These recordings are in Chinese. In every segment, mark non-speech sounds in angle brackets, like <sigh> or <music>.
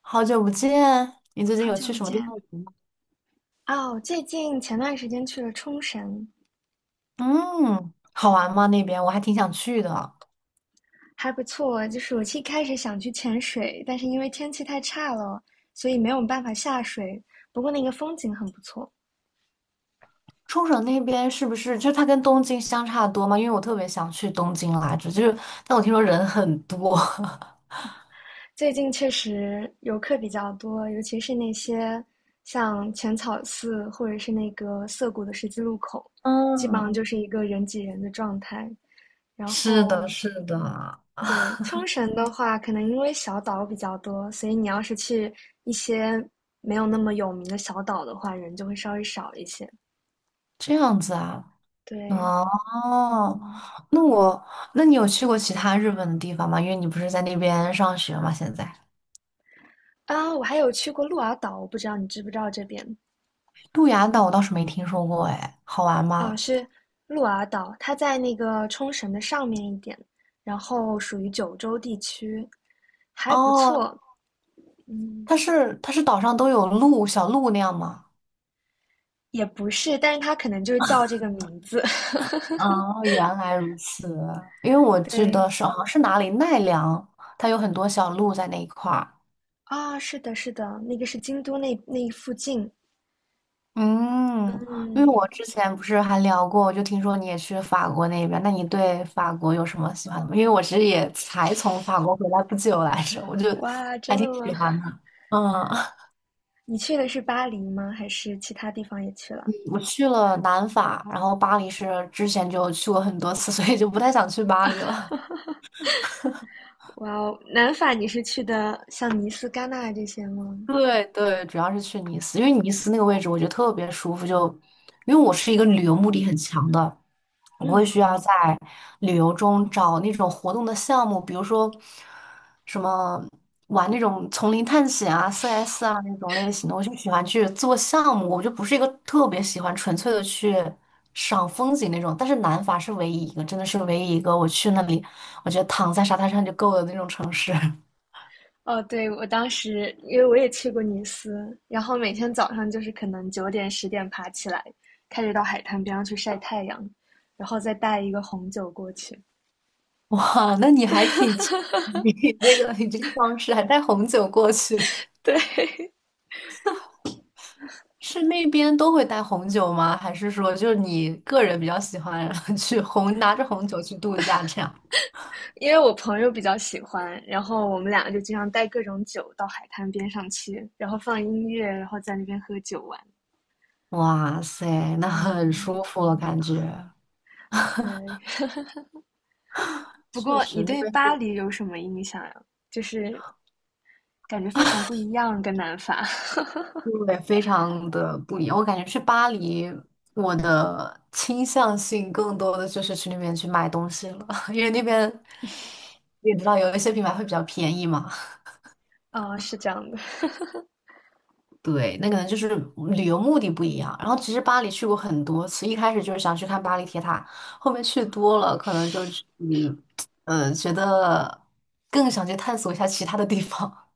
好久不见，你最近好有久去不什么地见。方玩吗？哦，最近前段时间去了冲绳，嗯，好玩吗？那边我还挺想去的。还不错。就是我一开始想去潜水，但是因为天气太差了，所以没有办法下水。不过那个风景很不错。冲绳那边是不是就它跟东京相差多吗？因为我特别想去东京来着，但我听说人很多。<laughs> 最近确实游客比较多，尤其是那些像浅草寺或者是那个涩谷的十字路口，基本上嗯，就是一个人挤人的状态。然是的，后是的，对，冲绳的话，可能因为小岛比较多，所以你要是去一些没有那么有名的小岛的话，人就会稍微少一些。这样子啊。对，哦，嗯，那我，那你有去过其他日本的地方吗？因为你不是在那边上学吗？现在啊，我还有去过鹿儿岛，我不知道你知不知道这边鹿牙岛我倒是没听说过，哎，好玩啊，吗？是鹿儿岛，它在那个冲绳的上面一点，然后属于九州地区，还不哦，错。嗯，它是岛上都有鹿，小鹿那样吗？也不是，但是它可能就是叫这个名字。<laughs> 啊，原来如此。因为我记对，得是好像是哪里奈良，它有很多小鹿在那一块儿。啊，是的，是的，那个是京都那附近。嗯，因为嗯，我之前不是还聊过，我就听说你也去法国那边，那你对法国有什么喜欢的吗？因为我其实也才从法国回来不久来着，我就哇，还真的挺吗？喜欢的。<laughs> 嗯，<laughs> 你去的是巴黎吗？还是其他地方也去了？我去了南法，然后巴黎是之前就去过很多次，所以就不太想去巴黎了。哇哦，南法你是去的像尼斯、戛纳这些吗？对，主要是去尼斯，因为尼斯那个位置我觉得特别舒服，就因为我是一个旅游目的很强的，我会嗯，需要在旅游中找那种活动的项目，比如说什么玩那种丛林探险啊、CS 啊那种类型的，我就喜欢去做项目，我就不是一个特别喜欢纯粹的去赏风景那种。但是南法是唯一一个，真的是唯一一个我去那里，我觉得躺在沙滩上就够了那种城市。<laughs> 哦，对，我当时因为我也去过尼斯，然后每天早上就是可能9点10点爬起来，开始到海滩边上去晒太阳，然后再带一个红酒过去。<laughs> 哇，那你还挺奇，<laughs> 你那个你这个方式还带红酒过去，对，是那边都会带红酒吗？还是说就是你个人比较喜欢 <laughs> 去红，拿着红酒去度假这样？<laughs> 因为我朋友比较喜欢，然后我们两个就经常带各种酒到海滩边上去，然后放音乐，然后在那边喝酒玩。哇塞，那很嗯，舒服了，感觉对。不确过你实那对边巴是黎有什么印象呀？就是感觉非常不一样，跟南法。<laughs> 对，非常的不一样。我感觉去巴黎，我的倾向性更多的就是去那边去买东西了，<laughs> 因为那边你也知道有一些品牌会比较便宜嘛。哦，是这样的。对，那可能就是旅游目的不一样。然后其实巴黎去过很多次，一开始就是想去看巴黎铁塔，后面去多了，可能就是觉得更想去探索一下其他的地方。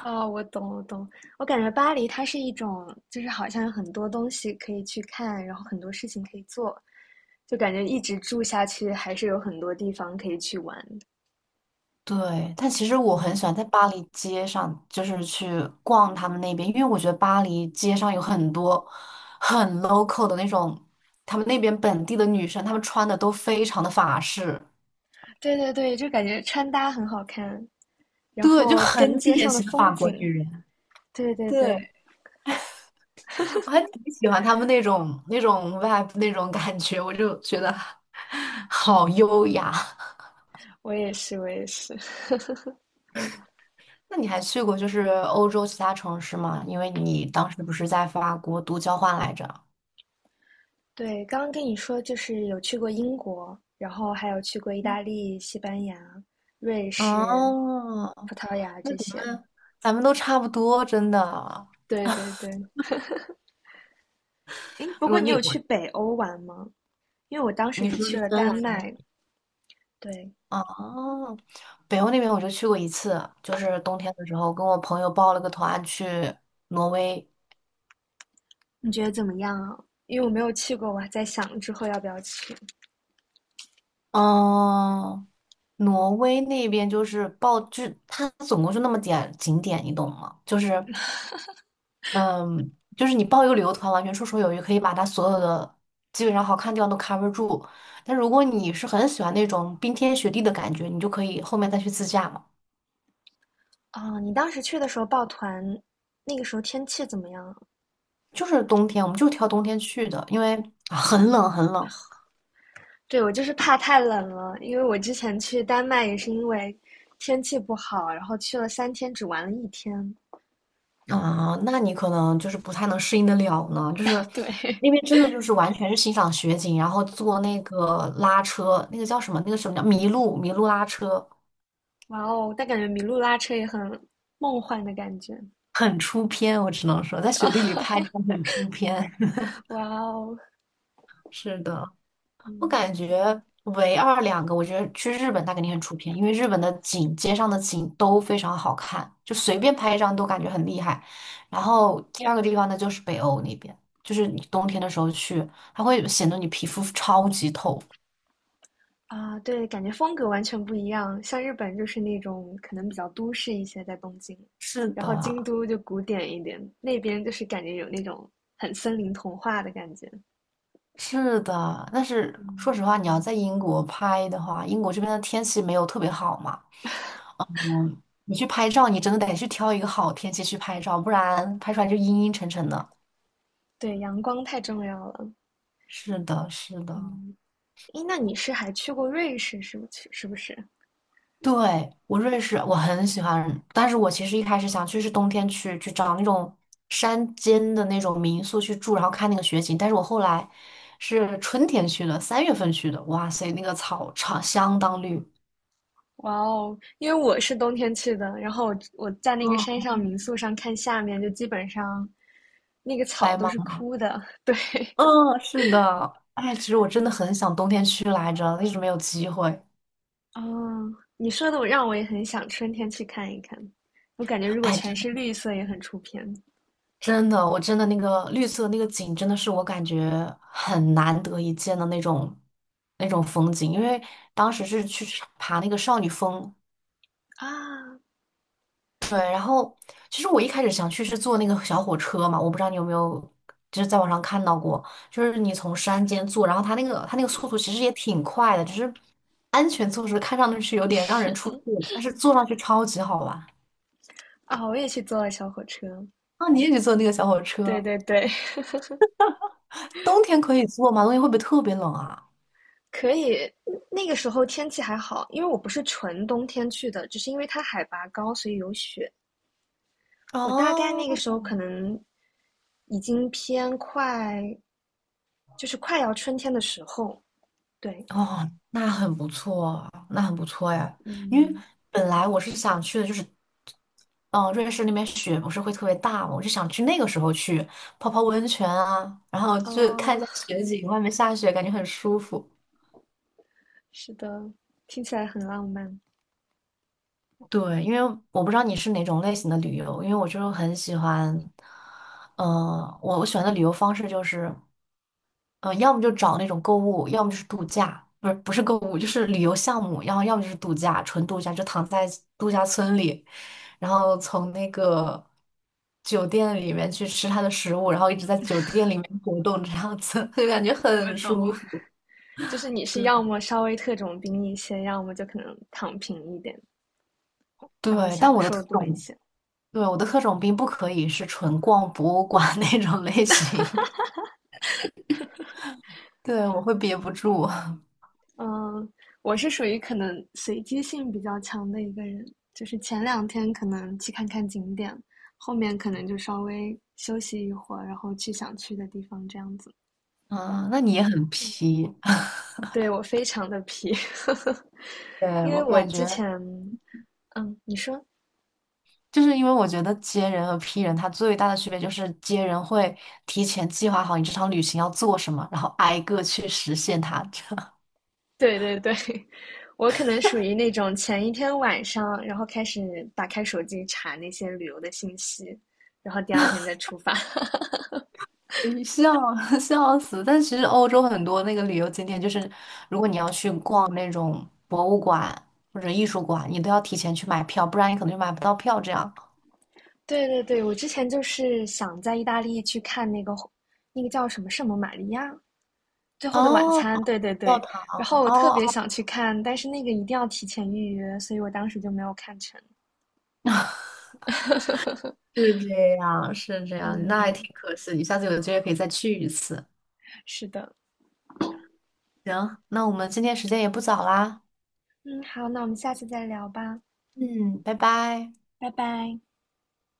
哦，我懂，我懂。我感觉巴黎它是一种，就是好像有很多东西可以去看，然后很多事情可以做，就感觉一直住下去还是有很多地方可以去玩。对，但其实我很喜嗯，欢在巴黎街上，就是去逛他们那边，因为我觉得巴黎街上有很多很 local 的那种，他们那边本地的女生，她们穿的都非常的法式，对对对，就感觉穿搭很好看，然对，就后跟很街典上的型的风法国女景。人。对对对，对。我还挺喜欢他们那种 vibe 那种感觉，我就觉得 <laughs> 好优雅。我也是，我也是。那你还去过就是欧洲其他城市吗？因为你当时不是在法国读交换来着？对，刚刚跟你说就是有去过英国，然后还有去过意大利、西班牙、瑞士、哦，葡萄牙那这咱些。们咱们都差不多，真的。对对对，诶，不如过果你你有我去北欧玩吗？因为我当时你只说去是了芬丹兰那麦，对，哦，北欧那边我就去过一次，就是冬天的时候跟我朋友报了个团去挪威。你觉得怎么样啊？因为我没有去过，我还在想之后要不要去。嗯，挪威那边就是报，就是它总共就那么点景点，你懂吗？就是，嗯，就是你报一个旅游团，完全绰绰有余，可以把它所有的基本上好看的地方都 cover 住。但如果你是很喜欢那种冰天雪地的感觉，你就可以后面再去自驾嘛。哦，你当时去的时候抱团，那个时候天气怎么样啊就是冬天，我们就挑冬天去的，因为啊很冷很冷。对，我就是怕太冷了，因为我之前去丹麦也是因为天气不好，然后去了3天，只玩了一天。啊，那你可能就是不太能适应得了呢，就是对，<laughs> 那边真的就是完全是欣赏雪景，然后坐那个拉车，那个叫什么？那个什么叫麋鹿？麋鹿拉车哇哦，但感觉麋鹿拉车也很梦幻的感觉。很出片，我只能说在雪地里拍真的很出片。<laughs> 哇哦，是的，我嗯感觉唯二两个，我觉得去日本它肯定很出片，因为日本的景，街上的景都非常好看，就随便拍一张都感觉很厉害。然后第二个地方呢，就是北欧那边，就是你冬天的时候去，它会显得你皮肤超级透。啊，对，感觉风格完全不一样。像日本就是那种可能比较都市一些，在东京，是然后京的，都就古典一点，那边就是感觉有那种很森林童话的感觉。是的，但是说嗯，实话，你要在英国拍的话，英国这边的天气没有特别好嘛，你去拍照，你真的得去挑一个好天气去拍照，不然拍出来就阴阴沉沉的。对，阳光太重要了。是的。嗯，诶，那你是还去过瑞士，是不是？是不是？对，我瑞士，我很喜欢，但是我其实一开始想去是冬天去找那种山间的那种民宿去住，然后看那个雪景。但是我后来是春天去的，三月份去的，哇塞，那个草场相当绿，哇哦，因为我是冬天去的，然后我在那个山嗯上民宿上看下面，就基本上那个草白都茫。是茫，枯的。<laughs> 对，嗯，是的，哎，其实我真的很想冬天去来着，一直没有机会。哦，你说的我让我也很想春天去看一看。我感觉如果全哎。是绿色也很出片真的，我真的那个绿色那个景，真的是我感觉很难得一见的那种风景。因为当时是去爬那个少女峰，啊对。然后其实我一开始想去是坐那个小火车嘛，我不知道你有没有就是在网上看到过，就是你从山间坐，然后它那个速度其实也挺快的，只是安全措施看上去是有点让人出戏，但是坐上去超级好玩。啊！我也去坐了小火车，啊，你也去坐那个小火对车？对对，<laughs> 冬天可以坐吗？冬天会不会特别冷啊？可以。嗯那个时候天气还好，因为我不是纯冬天去的，只是因为它海拔高，所以有雪。我大概那哦，个时候可能已经偏快就是快要春天的时候，对，哦，那很不错，那很不错呀。因为嗯，本来我是想去的，就是，嗯、瑞士那边雪不是会特别大嘛，我就想去那个时候去泡泡温泉啊，然后就看哦，一下雪景，外面下雪，感觉很舒服。是的，听起来很浪漫。对，因为我不知道你是哪种类型的旅游，因为我就很喜欢，我喜欢的旅游方式就是。要么就找那种购物，要么就是度假，不是购物，就是旅游项目，然后要么就是度假，纯度假，就躺在度假村里，然后从那个酒店里面去吃它的食物，然后一直在酒店里面活动，这样子 <laughs> 就感觉我很懂，舒服。就是你是对要么稍微特种兵一些，要么就可能躺平一点，然后对，但享我的特受多一种，些。对我的特种兵不可以是纯逛博物馆 <laughs> 那种类型，<laughs> 对我会憋不住。<laughs> 嗯，我是属于可能随机性比较强的一个人，就是前两天可能去看看景点，后面可能就稍微休息一会儿，然后去想去的地方这样子。啊，那你也很皮。<laughs> 对，我非常的皮，<laughs> 对，因为我我感之觉。前，嗯，你说，就是因为我觉得接人和批人，它最大的区别就是接人会提前计划好你这场旅行要做什么，然后挨个去实现它，这样 对对对，<laughs> 我可能属于那种前一天晚上，然后开始打开手机查那些旅游的信息，然后第二天再出发。<laughs> <laughs> 笑 <laughs> 笑死。但其实欧洲很多那个旅游景点，就是如果你要去逛那种博物馆或者艺术馆，你都要提前去买票，不然你可能就买不到票。这样对对对，我之前就是想在意大利去看那个那个叫什么圣母玛利亚最后的晚哦，餐，对对教对，堂然哦后我特别哦，想去看，但是那个一定要提前预约，所以我当时就没有看成。<laughs> 是这样，那还挺嗯，可惜。你下次有机会可以再去一次。是的。行，那我们今天时间也不早啦。嗯，好，那我们下次再聊吧，嗯，拜拜。拜拜。